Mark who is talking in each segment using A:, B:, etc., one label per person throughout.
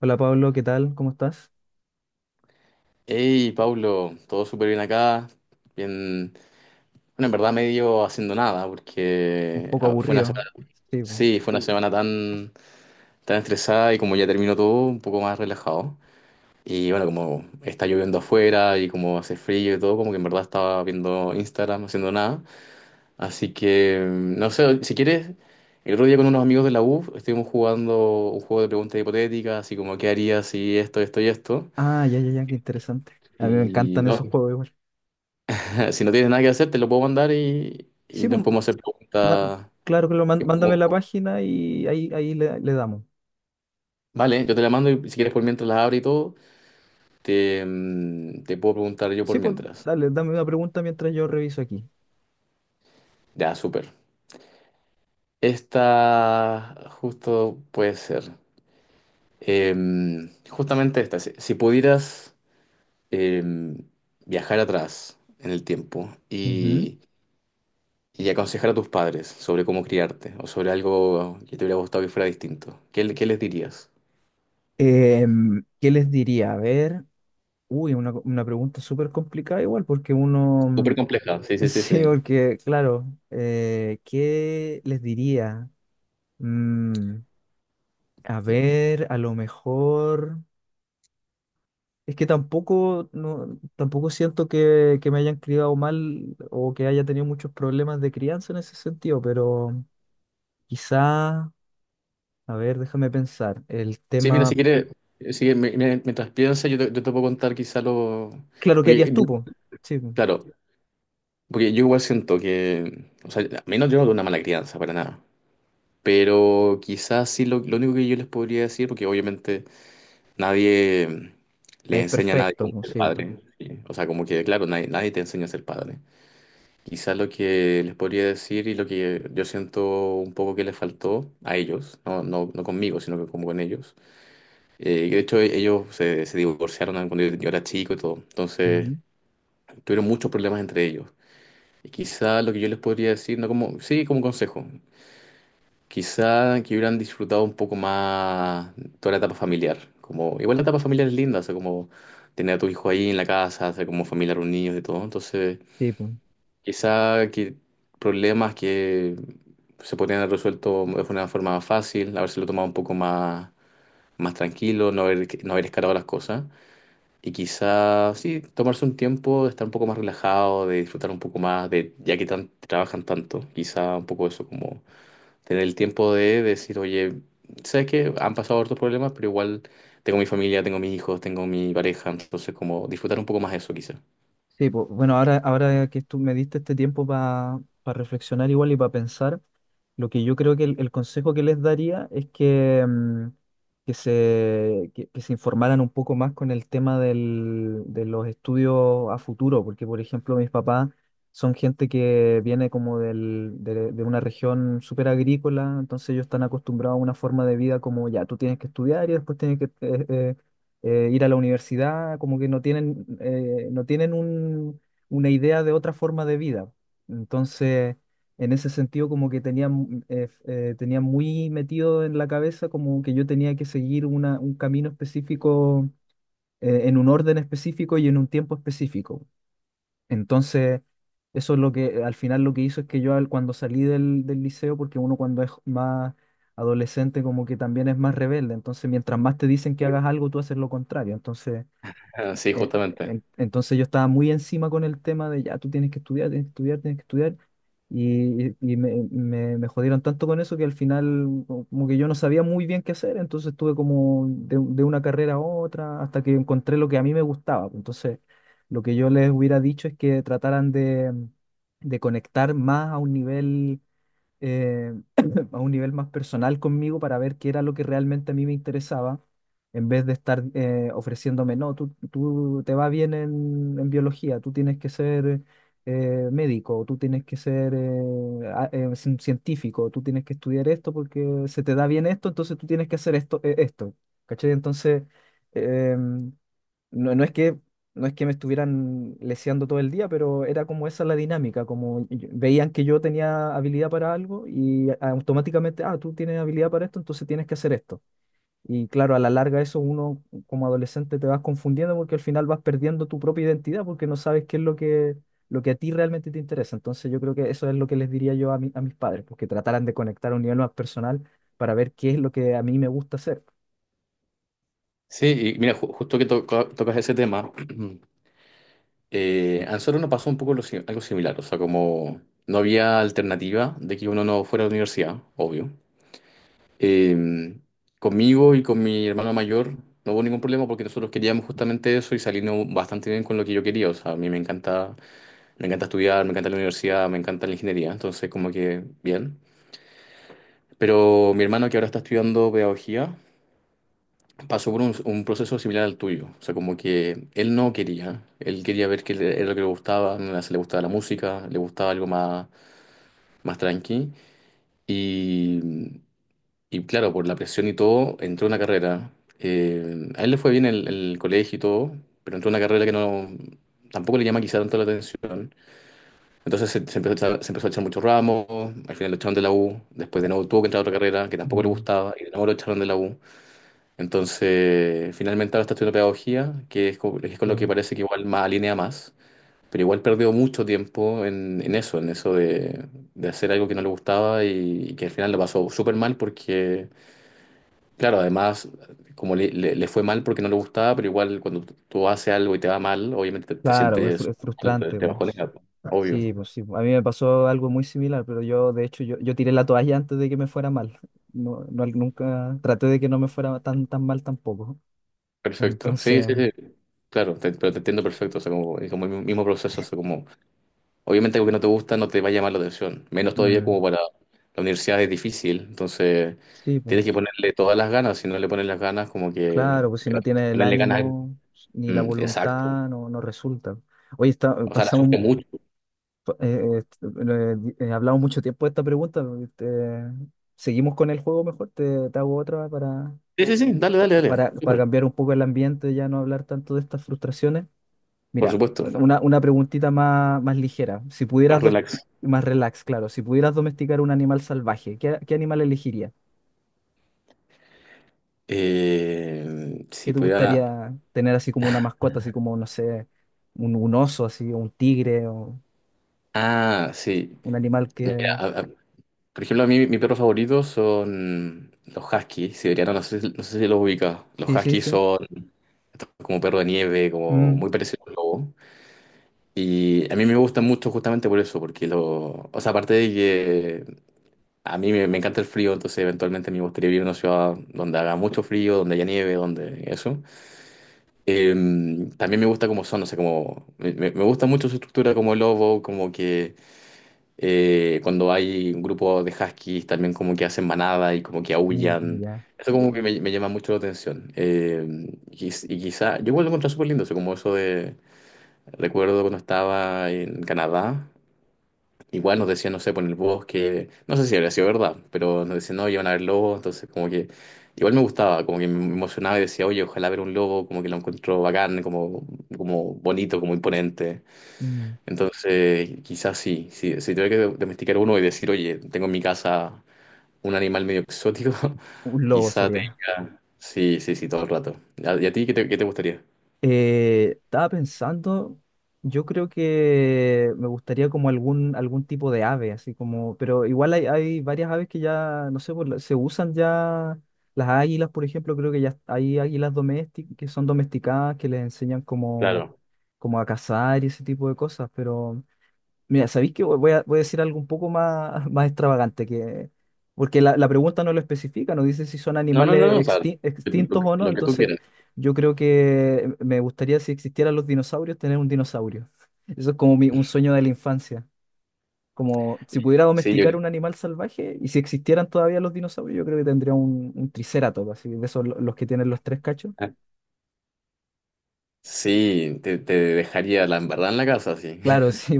A: Hola Pablo, ¿qué tal? ¿Cómo estás?
B: Hey, Pablo, todo súper bien acá. Bien, bueno, en verdad medio haciendo nada,
A: Un
B: porque
A: poco
B: fue una
A: aburrido.
B: semana,
A: Sí, pues.
B: sí, fue una semana tan, tan estresada y como ya terminó todo, un poco más relajado. Y bueno, como está lloviendo afuera y como hace frío y todo, como que en verdad estaba viendo Instagram, haciendo nada. Así que, no sé, si quieres, el otro día con unos amigos de la U estuvimos jugando un juego de preguntas hipotéticas, así como, ¿qué harías si esto, esto y esto?
A: Ah, ya, ya, ya, qué interesante. A mí me
B: Y
A: encantan
B: no,
A: esos juegos igual.
B: si no tienes nada que hacer, te lo puedo mandar y
A: Sí,
B: nos
A: pues,
B: podemos hacer
A: ma-
B: preguntas.
A: claro, claro, mándame la página y ahí, ahí le damos.
B: Vale, yo te la mando y si quieres por mientras la abro y todo, te, te puedo preguntar yo
A: Sí,
B: por
A: pues,
B: mientras.
A: dale, dame una pregunta mientras yo reviso aquí.
B: Ya, súper. Esta justo puede ser. Justamente esta. Si pudieras em, viajar atrás en el tiempo
A: Ujú.
B: y aconsejar a tus padres sobre cómo criarte o sobre algo que te hubiera gustado que fuera distinto, ¿qué, qué les dirías?
A: ¿Qué les diría? A ver, uy, una pregunta súper complicada igual, porque uno,
B: Súper
A: mm,
B: compleja, sí, sí, sí,
A: sí,
B: sí.
A: porque, claro, ¿qué les diría? Mm, a ver, a lo mejor. Es que tampoco, no, tampoco siento que, me hayan criado mal o que haya tenido muchos problemas de crianza en ese sentido, pero quizá, a ver, déjame pensar, el
B: Sí, mira, si
A: tema,
B: quieres, si, mientras piensa, yo te puedo contar quizá lo...
A: claro, ¿qué
B: Porque,
A: harías tú, po? Sí, po.
B: claro, porque yo igual siento que... O sea, a mí no yo no una mala crianza, para nada. Pero quizás sí lo único que yo les podría decir, porque obviamente nadie le
A: Nadie es
B: enseña a nadie
A: perfecto,
B: cómo
A: po,
B: ser
A: sí, po.
B: padre. ¿Sí? O sea, como que, claro, nadie, nadie te enseña a ser padre. Quizás lo que les podría decir y lo que yo siento un poco que les faltó a ellos, no, no, no conmigo, sino que como con ellos. De hecho, ellos se, se divorciaron cuando yo era chico y todo. Entonces,
A: Ujú.
B: tuvieron muchos problemas entre ellos. Y quizá lo que yo les podría decir, no como, sí, como consejo, quizá que hubieran disfrutado un poco más toda la etapa familiar. Como, igual la etapa familiar es linda, o sea, como tener a tu hijo ahí en la casa, hacer como familia reunidos y todo. Entonces,
A: Sí, po.
B: quizá que problemas que se podrían haber resuelto de una forma más fácil, habérselo tomado un poco más, más tranquilo, no haber, no haber escalado las cosas. Y quizás, sí, tomarse un tiempo de estar un poco más relajado, de disfrutar un poco más, de ya que tan, trabajan tanto, quizá un poco eso, como tener el tiempo de decir, oye, sabes que han pasado otros problemas, pero igual tengo mi familia, tengo mis hijos, tengo mi pareja, entonces como disfrutar un poco más eso, quizá.
A: Sí, pues, bueno, ahora, ahora que tú me diste este tiempo para reflexionar igual y para pensar, lo que yo creo que el consejo que les daría es que, mm, que se informaran un poco más con el tema de los estudios a futuro, porque por ejemplo mis papás son gente que viene como de una región súper agrícola, entonces ellos están acostumbrados a una forma de vida como ya, tú tienes que estudiar y después tienes que ir a la universidad, como que no tienen, no tienen una idea de otra forma de vida. Entonces, en ese sentido, como que tenía, mm, tenía muy metido en la cabeza como que yo tenía que seguir un camino específico, en un orden específico y en un tiempo específico. Entonces, eso es lo que al final lo que hizo es que yo cuando salí del liceo, porque uno cuando es más adolescente como que también es más rebelde, entonces mientras más te dicen que hagas algo, tú haces lo contrario. Entonces,
B: Ah, sí,
A: eh,
B: justamente.
A: entonces yo estaba muy encima con el tema de ya, tú tienes que estudiar, tienes que estudiar, tienes que estudiar. Y, me jodieron tanto con eso que al final como que yo no sabía muy bien qué hacer, entonces estuve como de una carrera a otra hasta que encontré lo que a mí me gustaba, pues. Entonces lo que yo les hubiera dicho es que trataran de conectar más a un nivel eh, a un nivel más personal conmigo para ver qué era lo que realmente a mí me interesaba, en vez de estar ofreciéndome, no, tú te va bien en biología, tú tienes que ser médico, tú tienes que ser científico, tú tienes que estudiar esto porque se te da bien esto, entonces tú tienes que hacer esto, esto, ¿cachai? Entonces em, no, no es que me estuvieran leseando todo el día, pero era como esa la dinámica, como veían que yo tenía habilidad para algo y automáticamente, ah, tú tienes habilidad para esto, entonces tienes que hacer esto. Y claro, a la larga eso uno como adolescente te vas confundiendo porque al final vas perdiendo tu propia identidad porque no sabes qué es lo que a ti realmente te interesa. Entonces yo creo que eso es lo que les diría yo a, a mis padres, porque trataran de conectar a un nivel más personal para ver qué es lo que a mí me gusta hacer.
B: Sí, y mira, justo que tocas ese tema, a nosotros nos pasó un poco lo algo similar, o sea, como no había alternativa de que uno no fuera a la universidad, obvio. Eh, conmigo y con mi hermano mayor no hubo ningún problema porque nosotros queríamos justamente eso y salimos bastante bien con lo que yo quería. O sea, a mí me encanta estudiar, me encanta la universidad, me encanta la ingeniería, entonces como que bien. Pero mi hermano que ahora está estudiando pedagogía pasó por un proceso similar al tuyo. O sea, como que él no quería, él quería ver qué era lo que le gustaba, no le gustaba la música, le gustaba algo más, más tranqui. Y claro, por la presión y todo, entró a una carrera. A él le fue bien el colegio y todo, pero entró a una carrera que no, tampoco le llama quizá tanto la atención. Entonces se empezó a echar, se empezó a echar muchos ramos, al final lo echaron de la U, después de nuevo tuvo que entrar a otra carrera que tampoco le
A: Mm,
B: gustaba y de nuevo lo echaron de la U. Entonces finalmente ahora está estudiando pedagogía, que es con lo que
A: sí.
B: parece que igual más alinea más. Pero igual perdió mucho tiempo en eso de hacer algo que no le gustaba y que al final lo pasó súper mal porque... Claro, además, como le, le fue mal porque no le gustaba, pero igual cuando tú haces algo y te va mal, obviamente te, te
A: Claro, es,
B: sientes,
A: es
B: te,
A: frustrante,
B: te
A: pues. Sí,
B: bajonea, po. Obvio.
A: sí, pues sí. A mí me pasó algo muy similar, pero yo, de hecho, yo tiré la toalla antes de que me fuera mal. No, nunca traté de que no me fuera tan, tan mal tampoco.
B: Perfecto, sí, sí,
A: Entonces,
B: sí. Claro, pero te entiendo perfecto, o sea, como, es como el mismo proceso, o sea, como, obviamente algo que no te gusta no te va a llamar la atención, menos todavía
A: mm,
B: como para la universidad es difícil, entonces
A: sí, pues
B: tienes que ponerle todas las ganas, si no le pones las ganas, como que
A: claro, pues si no tienes el
B: ponerle ganas,
A: ánimo ni la
B: exacto,
A: voluntad, no, no resulta. Oye, está,
B: o sea, la sufre
A: pasamos,
B: mucho.
A: hablamos mucho tiempo de esta pregunta. Este, seguimos con el juego mejor, te hago otra para,
B: Sí, sí, sí, dale, dale, dale,
A: para
B: súper,
A: cambiar un poco el ambiente, ya no hablar tanto de estas frustraciones.
B: por
A: Mira,
B: supuesto,
A: una preguntita más, más ligera. Si
B: más
A: pudieras, dos,
B: relax.
A: más relax, claro, si pudieras domesticar un animal salvaje, ¿qué, qué animal elegirías? ¿Qué
B: Si
A: te
B: pudiera.
A: gustaría tener así como una mascota, así como, no sé, un oso, así, o un tigre, o
B: Ah, sí.
A: un animal
B: Mira,
A: que?
B: por ejemplo, a mí mi perro favorito son los huskies siberianos. No sé, no sé si los ubicas. Los
A: Sí, sí,
B: huskies
A: sí.
B: son como perro de nieve, como muy
A: Mm,
B: parecido al lobo. Y a mí me gustan mucho justamente por eso, porque lo. O sea, aparte de que a mí me, me encanta el frío, entonces eventualmente me gustaría vivir en una ciudad donde haga mucho frío, donde haya nieve, donde eso. Eh, también me gusta cómo son, o sea, como. Me, me gusta mucho su estructura como lobo, como que... cuando hay un grupo de huskies también como que hacen manada y como que
A: mm,
B: aúllan.
A: ya.
B: Eso como que me llama mucho la atención. Y quizá, yo igual lo encontré súper lindo, eso como eso de, recuerdo cuando estaba en Canadá, igual nos decían, no sé, por el bosque, no sé si habría sido verdad, pero nos decían, no, iban a ver lobos, entonces como que igual me gustaba, como que me emocionaba y decía, oye, ojalá ver un lobo, como que lo encuentro bacán, como, como bonito, como imponente.
A: Mm.
B: Entonces, quizás sí, sí, si tuviera que domesticar uno y decir, oye, tengo en mi casa un animal medio exótico,
A: Un lobo
B: quizás te
A: sería.
B: diga, sí, sí, sí, todo el rato. ¿A- ¿Y a ti qué te gustaría?
A: Estaba pensando, yo creo que me gustaría como algún, algún tipo de ave, así como, pero igual hay, hay varias aves que ya, no sé, se usan ya, las águilas, por ejemplo, creo que ya hay águilas domésticas que son domesticadas, que les enseñan como,
B: Claro.
A: como a cazar y ese tipo de cosas, pero mira, ¿sabéis que voy a, voy a decir algo un poco más, más extravagante? Que, porque la pregunta no lo especifica, no dice si son
B: No, no, no,
A: animales
B: no, o sea,
A: extintos o no,
B: lo que tú
A: entonces
B: quieras.
A: yo creo que me gustaría si existieran los dinosaurios, tener un dinosaurio. Eso es como un sueño de la infancia. Como si pudiera
B: Sí, yo
A: domesticar
B: creo.
A: un animal salvaje y si existieran todavía los dinosaurios, yo creo que tendría un triceratops, así, de esos los que tienen los tres cachos.
B: Sí, te dejaría la embarrada en la casa, sí.
A: Claro, sí,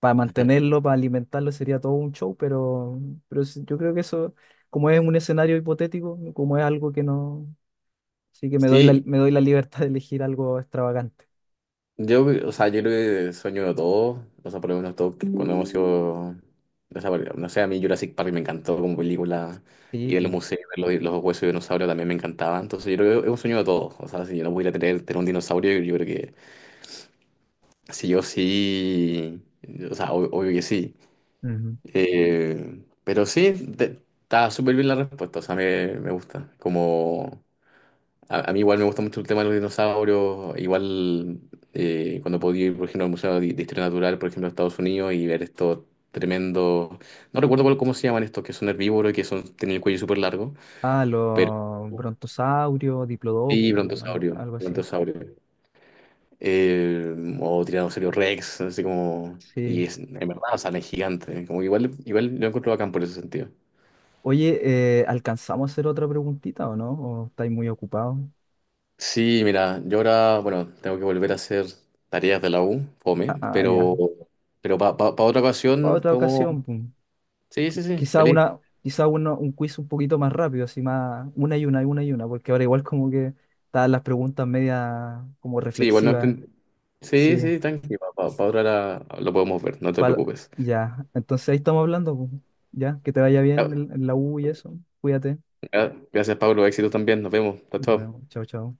A: para mantenerlo, para alimentarlo sería todo un show, pero sí, yo creo que eso, como es un escenario hipotético, como es algo que no, sí que
B: Sí,
A: me doy la libertad de elegir algo extravagante.
B: yo, o sea, yo creo que sueño de todos, o sea, por lo menos todos cuando hemos sido, o sea, porque, no sé, a mí Jurassic Park me encantó como película
A: Sí,
B: y el
A: pues.
B: museo, los huesos de dinosaurio también me encantaba, entonces yo creo que es un sueño de todos, o sea, si yo no pudiera tener, tener un dinosaurio, yo creo que sí yo sí, o sea, obvio que sí.
A: Ujú.
B: Pero sí, está súper bien la respuesta, o sea, me gusta, como... a mí igual me gusta mucho el tema de los dinosaurios, igual cuando podía ir, por ejemplo, al Museo de Historia Natural, por ejemplo, a Estados Unidos y ver estos tremendos, no recuerdo cómo se llaman estos, que son herbívoros y que son, tienen el cuello súper largo,
A: Ah,
B: pero
A: los brontosaurios,
B: sí,
A: diplodocus, algo,
B: brontosaurio,
A: algo así.
B: brontosaurio. Eh, o tiranosaurio Rex, así como, y
A: Sí.
B: es, en verdad, o sea, no es gigante, como que igual, igual lo encuentro bacán por ese sentido.
A: Oye, ¿alcanzamos a hacer otra preguntita o no? ¿O estáis muy ocupados?
B: Sí, mira, yo ahora, bueno, tengo que volver a hacer tareas de la U, fome,
A: Ah, ah, ya.
B: pero para otra
A: Para
B: ocasión
A: otra
B: podemos...
A: ocasión, pues.
B: Sí, sí, sí,
A: Quizá
B: feliz.
A: una, quizá un quiz un poquito más rápido, así más, una y una, y una y una, porque ahora igual como que están las preguntas media como
B: Sí, igual no...
A: reflexivas,
B: Sí,
A: sí,
B: sí, tranqui, para otra lo podemos ver, no te
A: pal-
B: preocupes.
A: ya, entonces ahí estamos hablando, pues. Ya, que te vaya bien
B: Ya,
A: en la U y eso, cuídate,
B: ya, gracias, Pablo, éxito también, nos vemos. Chao,
A: nos
B: chao.
A: vemos, chao, chao.